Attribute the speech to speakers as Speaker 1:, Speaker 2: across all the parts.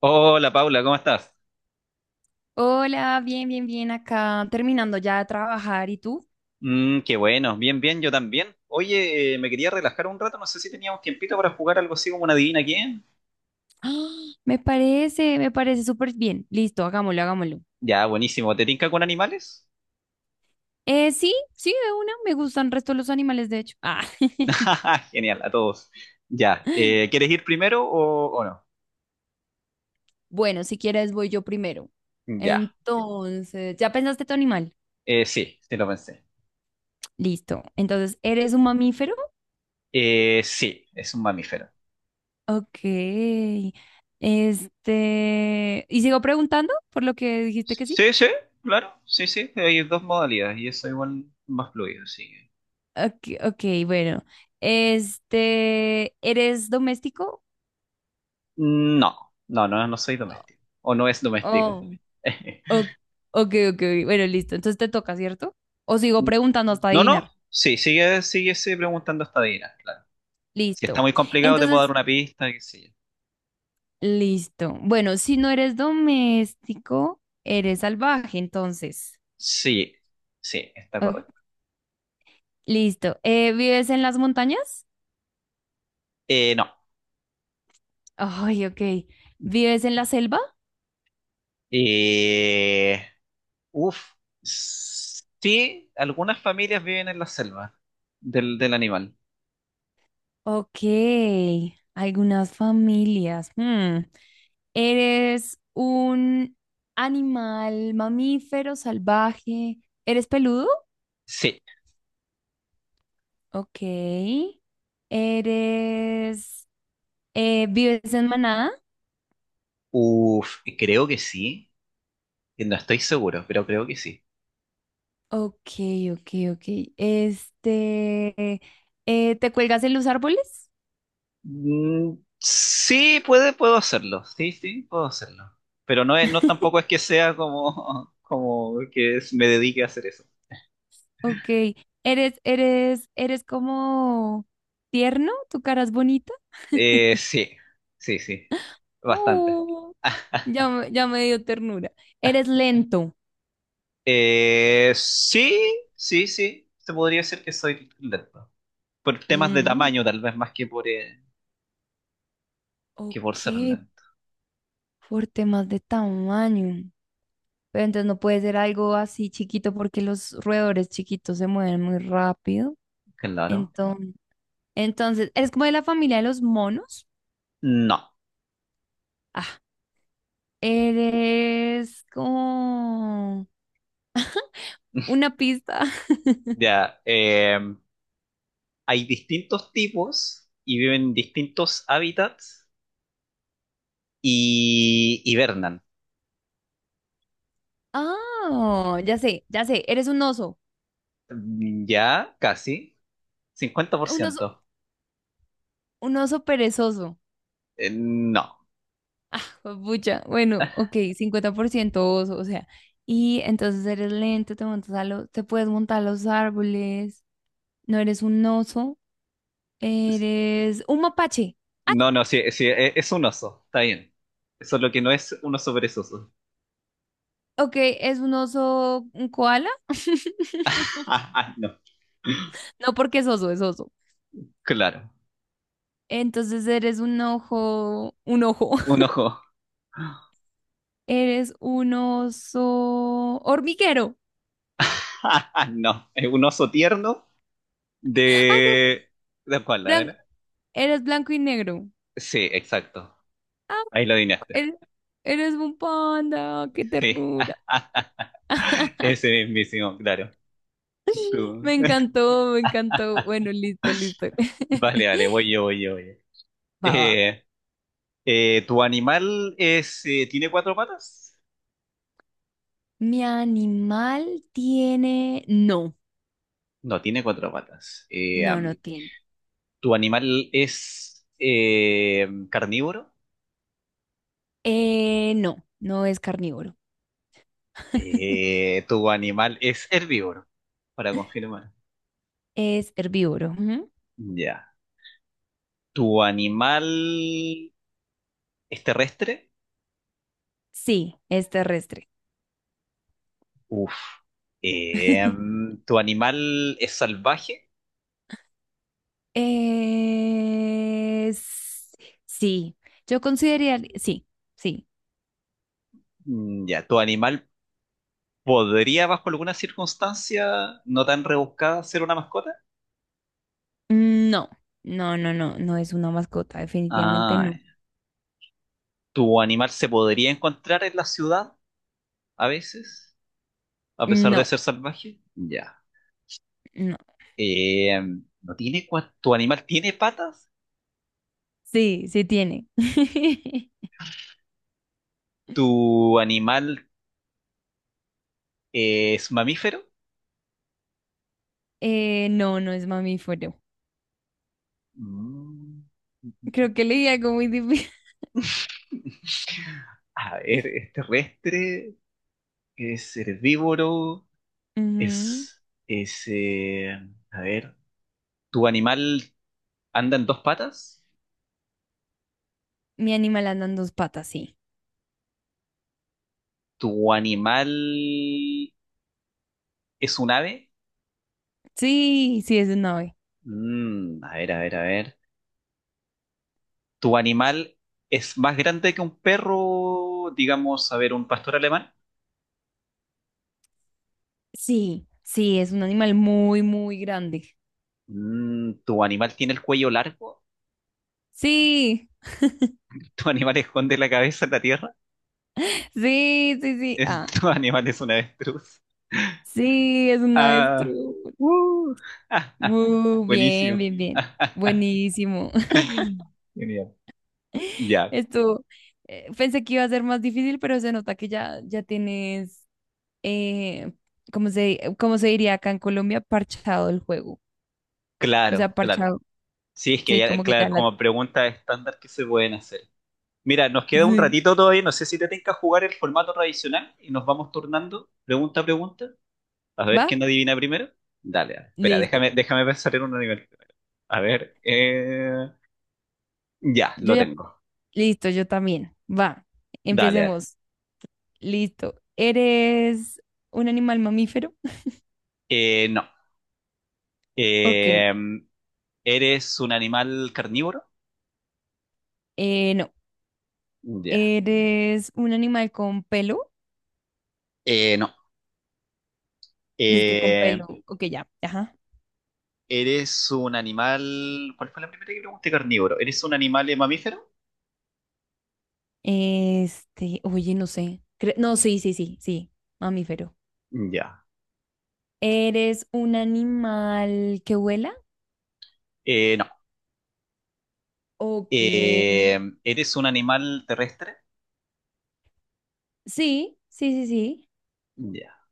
Speaker 1: Hola Paula, ¿cómo estás?
Speaker 2: Hola, bien, bien, bien acá, terminando ya de trabajar. ¿Y tú?
Speaker 1: Qué bueno, bien, bien, yo también. Oye, me quería relajar un rato, no sé si teníamos tiempito para jugar algo así como una adivina quién.
Speaker 2: ¡Ah! Me parece súper bien. Listo, hagámoslo, hagámoslo.
Speaker 1: Ya, buenísimo. ¿Te tinca con animales?
Speaker 2: Sí, sí, de una. Me gustan el resto de los animales, de hecho. Ah,
Speaker 1: Jaja, genial, a todos. Ya, ¿quieres ir primero o no?
Speaker 2: bueno, si quieres voy yo primero.
Speaker 1: Ya,
Speaker 2: Entonces, ¿ya pensaste tu animal?
Speaker 1: sí, sí lo pensé.
Speaker 2: Listo. Entonces, ¿eres un mamífero?
Speaker 1: Sí, es un mamífero.
Speaker 2: Ok. Este, ¿y sigo preguntando por lo que dijiste que sí?
Speaker 1: Sí, sí, claro, sí, sí, hay dos modalidades y eso igual más fluido, así que...
Speaker 2: Ok, ok, bueno. Este, ¿eres doméstico?
Speaker 1: No, no, no, no soy doméstico. O no es
Speaker 2: Oh.
Speaker 1: doméstico.
Speaker 2: Ok, ok, ok, ok. Bueno, listo. Entonces te toca, ¿cierto? O sigo preguntando hasta
Speaker 1: No, no,
Speaker 2: adivinar.
Speaker 1: sí, sigue, sigue, sigue preguntando hasta adivinar, claro. Si está
Speaker 2: Listo.
Speaker 1: muy complicado, te puedo dar
Speaker 2: Entonces,
Speaker 1: una pista, qué sé yo.
Speaker 2: listo. Bueno, si no eres doméstico, eres salvaje, entonces.
Speaker 1: Sí, sí, está
Speaker 2: Ok,
Speaker 1: correcto.
Speaker 2: listo. ¿Vives en las montañas?
Speaker 1: No.
Speaker 2: Ay, ok. ¿Vives en la selva?
Speaker 1: Eh, uf. Sí, algunas familias viven en la selva del animal.
Speaker 2: Ok. Algunas familias. Hmm. ¿Eres un animal mamífero salvaje? ¿Eres peludo?
Speaker 1: Sí.
Speaker 2: Ok. Eres, ¿vives en Manada?
Speaker 1: Uf, creo que sí. No estoy seguro, pero creo que sí.
Speaker 2: Ok, ok, ok. Este, ¿te cuelgas en los árboles?
Speaker 1: Mm, sí, puedo hacerlo. Sí, sí, puedo hacerlo. Pero no tampoco es que sea como, como que me dedique a hacer eso.
Speaker 2: Ok. ¿Eres como tierno? ¿Tu cara es bonita?
Speaker 1: Sí, sí, sí, bastante.
Speaker 2: Oh, ya, ya me dio ternura. ¿Eres lento?
Speaker 1: Sí, sí, sí, se podría decir que soy lento. Por temas de
Speaker 2: Mm,
Speaker 1: tamaño, tal vez más que por
Speaker 2: ok,
Speaker 1: ser lento.
Speaker 2: por temas de tamaño. Pero entonces no puede ser algo así chiquito porque los roedores chiquitos se mueven muy rápido.
Speaker 1: Claro.
Speaker 2: Entonces, entonces, eres como de la familia de los monos.
Speaker 1: No.
Speaker 2: Ah, eres como una pista.
Speaker 1: Ya, hay distintos tipos y viven en distintos hábitats y hibernan.
Speaker 2: Ah, ya sé, eres un oso.
Speaker 1: Ya, casi.
Speaker 2: Un oso,
Speaker 1: 50%.
Speaker 2: un oso perezoso.
Speaker 1: No.
Speaker 2: Pucha, bueno, ok, 50% oso, o sea. Y entonces eres lento, te montas a los, te puedes montar a los árboles. No eres un oso, eres un mapache. Ah,
Speaker 1: No, no, sí, sí, es un oso, está bien. Solo que no es un oso perezoso.
Speaker 2: ok, es un oso, un koala.
Speaker 1: Ah, ah, no,
Speaker 2: No porque es oso, es oso.
Speaker 1: claro.
Speaker 2: Entonces eres un ojo,
Speaker 1: Un ojo.
Speaker 2: eres un oso hormiguero.
Speaker 1: Ah, ah, no, es un oso tierno
Speaker 2: Ay, ya sé,
Speaker 1: de... ¿De espalda,
Speaker 2: blan-
Speaker 1: ¿verdad?
Speaker 2: eres blanco y negro.
Speaker 1: Sí, exacto.
Speaker 2: Ah,
Speaker 1: Ahí lo adivinaste.
Speaker 2: eres, eres un panda, qué
Speaker 1: Sí,
Speaker 2: ternura.
Speaker 1: ese mismísimo, claro. Tú-
Speaker 2: Me encantó, me encantó. Bueno, listo, listo.
Speaker 1: Vale, vale, voy yo, voy yo, voy yo.
Speaker 2: Va, va.
Speaker 1: Eh, ¿Tu animal es, tiene cuatro patas?
Speaker 2: Mi animal tiene... No,
Speaker 1: No, tiene cuatro patas.
Speaker 2: no, no
Speaker 1: Am,
Speaker 2: tiene.
Speaker 1: ¿tu animal es carnívoro?
Speaker 2: No, no es carnívoro,
Speaker 1: ¿Tu animal es herbívoro? Para confirmar.
Speaker 2: es herbívoro. Ujú.
Speaker 1: Ya. ¿Tu animal es terrestre?
Speaker 2: Sí, es terrestre.
Speaker 1: Uf. ¿Tu animal es salvaje?
Speaker 2: Eh, s- sí, yo consideraría, sí, sí.
Speaker 1: Ya. ¿Tu animal podría, bajo alguna circunstancia no tan rebuscada, ser una mascota?
Speaker 2: No, no, no, no, no es una mascota, definitivamente
Speaker 1: Ah,
Speaker 2: no.
Speaker 1: ya. ¿Tu animal se podría encontrar en la ciudad a veces, a pesar de
Speaker 2: No,
Speaker 1: ser salvaje? Ya.
Speaker 2: no.
Speaker 1: Em, ¿no tiene cua- ¿Tu animal tiene patas?
Speaker 2: Sí, sí tiene.
Speaker 1: ¿Tu animal ¿es mamífero?
Speaker 2: No, no es mamífero.
Speaker 1: Mm,
Speaker 2: Creo que leí algo muy difícil.
Speaker 1: a ver, ¿es terrestre? ¿Es herbívoro?
Speaker 2: Ujú.
Speaker 1: ¿Es, es, eh, a ver, ¿tu animal anda en dos patas?
Speaker 2: Mi animal anda en 2 patas, sí.
Speaker 1: ¿Tu animal es un ave?
Speaker 2: Sí, sí, es un ave.
Speaker 1: Mm, a ver, a ver, a ver. ¿Tu animal es más grande que un perro, digamos, a ver, un pastor alemán?
Speaker 2: Sí, sí, es un animal muy, muy grande.
Speaker 1: Mm, ¿tu animal tiene el cuello largo?
Speaker 2: Sí,
Speaker 1: ¿Tu animal esconde la cabeza en la tierra?
Speaker 2: sí, sí, sí. Ah,
Speaker 1: ¿Tu animal es un avestruz?
Speaker 2: sí, es un
Speaker 1: Ah,
Speaker 2: avestruz.
Speaker 1: uh,
Speaker 2: Bien,
Speaker 1: buenísimo.
Speaker 2: bien, bien. Buenísimo.
Speaker 1: Genial. Ya,
Speaker 2: Esto, pensé que iba a ser más difícil, pero se nota que ya, ya tienes, eh, ¿cómo se diría acá en Colombia? Parchado el juego. O sea,
Speaker 1: claro, claro.
Speaker 2: parchado.
Speaker 1: Sí, es que
Speaker 2: Sí,
Speaker 1: ya,
Speaker 2: como que
Speaker 1: claro,
Speaker 2: ya la...
Speaker 1: como pregunta estándar que se pueden hacer. Mira, nos queda un
Speaker 2: Sí.
Speaker 1: ratito todavía, no sé si te tenga jugar el formato tradicional y nos vamos turnando pregunta a pregunta, a ver quién
Speaker 2: ¿Va?
Speaker 1: adivina primero. Dale, dale. Espera,
Speaker 2: Listo.
Speaker 1: déjame pensar en un nivel primero. A ver, ya,
Speaker 2: Yo
Speaker 1: lo
Speaker 2: ya...
Speaker 1: tengo.
Speaker 2: Listo, yo también. Va.
Speaker 1: Dale, dale.
Speaker 2: Empecemos. Listo. ¿Eres un animal mamífero?
Speaker 1: No.
Speaker 2: Ok.
Speaker 1: Eh, ¿Eres un animal carnívoro?
Speaker 2: No.
Speaker 1: Ya.
Speaker 2: ¿Eres un animal con pelo?
Speaker 1: No.
Speaker 2: Dice que con
Speaker 1: Eh,
Speaker 2: pelo. Ok, ya. Ajá.
Speaker 1: ¿Eres un animal? ¿Cuál fue la primera que pregunté? Carnívoro. ¿Eres un animal mamífero?
Speaker 2: Este, oye, no sé. No, sí, sí, sí, sí, mamífero.
Speaker 1: Ya.
Speaker 2: ¿Eres un animal que vuela?
Speaker 1: No.
Speaker 2: Ok. Sí,
Speaker 1: ¿Eres un animal terrestre?
Speaker 2: sí, sí, sí.
Speaker 1: Ya.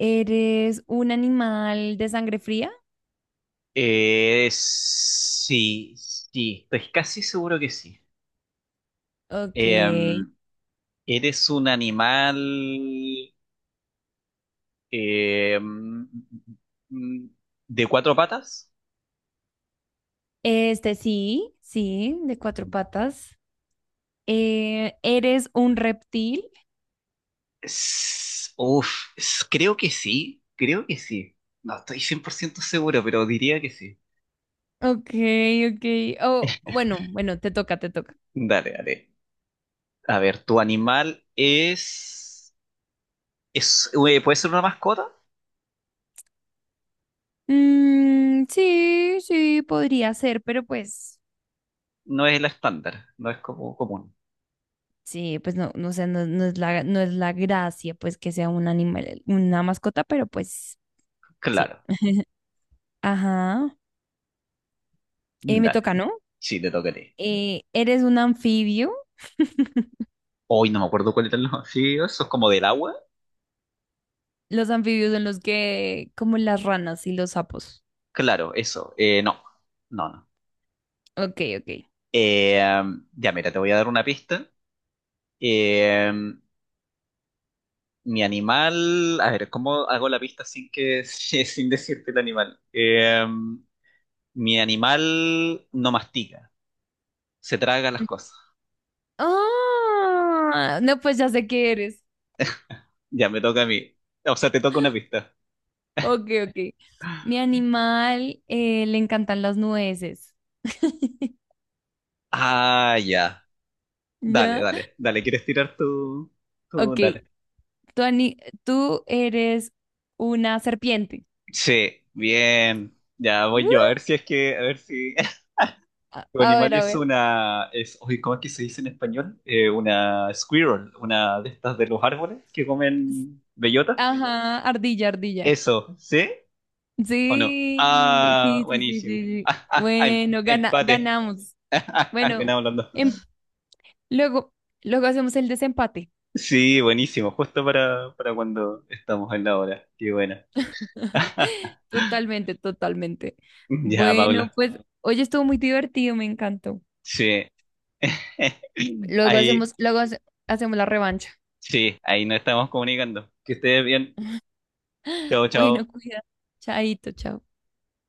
Speaker 2: ¿Eres un animal de sangre fría?
Speaker 1: Sí, sí. Estoy casi seguro que sí. Eh,
Speaker 2: Ok.
Speaker 1: ¿Eres un animal eh, mm, mm, mm, de cuatro patas?
Speaker 2: Este, sí, sí, de 4 patas. ¿Eres un reptil?
Speaker 1: Uf, creo que sí, creo que sí. No estoy 100% seguro, pero diría que sí.
Speaker 2: Ok, ok. Oh, bueno, bueno, te toca, te toca.
Speaker 1: Dale, dale. A ver, es ¿puede ser una mascota?
Speaker 2: Mm, sí, sí, podría ser, pero pues...
Speaker 1: No es la estándar, no es como común.
Speaker 2: Sí, pues no, no sé, no, no es la gracia, pues que sea un animal, una mascota, pero pues sí.
Speaker 1: Claro,
Speaker 2: Ajá. Me
Speaker 1: dale.
Speaker 2: toca, ¿no?
Speaker 1: Sí, te tocaré.
Speaker 2: ¿Eres un anfibio?
Speaker 1: Hoy no me acuerdo cuál era el nombre. Sí, eso es como del agua.
Speaker 2: Los anfibios son los que, como las ranas y los sapos.
Speaker 1: Claro, eso. No, no, no.
Speaker 2: Ok, ok.
Speaker 1: Eh, ya, mira, te voy a dar una pista. Eh, Mi animal, a ver, ¿cómo hago la pista sin que, sin decirte el animal? Mi animal no mastica, se traga las cosas.
Speaker 2: Ah, no, pues ya sé qué eres.
Speaker 1: Ya me toca a mí. O sea, te toca una pista.
Speaker 2: Ok, ok. Mi animal le encantan las nueces.
Speaker 1: Ah, ya. Dale,
Speaker 2: ¿Ya?
Speaker 1: dale, dale. ¿Quieres tirar tú tú
Speaker 2: Ok.
Speaker 1: dale.
Speaker 2: Tú, ani- tú eres una serpiente.
Speaker 1: Sí, bien. Ya voy yo. A
Speaker 2: ¡Uh!
Speaker 1: ver si es que, a ver si tu
Speaker 2: A
Speaker 1: animal
Speaker 2: ver, a
Speaker 1: es
Speaker 2: ver.
Speaker 1: es, oye, ¿cómo es que se dice en español? Una squirrel, una de estas de los árboles que comen bellota.
Speaker 2: Ajá, ardilla, ardilla.
Speaker 1: Eso, ¿sí? ¿O no?
Speaker 2: Sí,
Speaker 1: Ah,
Speaker 2: sí, sí, sí, sí,
Speaker 1: buenísimo.
Speaker 2: sí.
Speaker 1: Ah, ah, ah,
Speaker 2: Bueno, gana,
Speaker 1: empate.
Speaker 2: ganamos. Bueno,
Speaker 1: Ganamos los dos.
Speaker 2: em- luego, luego hacemos el desempate.
Speaker 1: Sí, buenísimo. Justo para cuando estamos en la hora. Qué bueno.
Speaker 2: Totalmente, totalmente.
Speaker 1: Ya,
Speaker 2: Bueno,
Speaker 1: Paula.
Speaker 2: pues, hoy estuvo muy divertido, me encantó.
Speaker 1: Sí.
Speaker 2: Luego
Speaker 1: Ahí,
Speaker 2: hacemos la revancha.
Speaker 1: sí, ahí nos estamos comunicando. Que estés bien. Chao,
Speaker 2: Bueno,
Speaker 1: chao.
Speaker 2: cuida. Chaito, chao.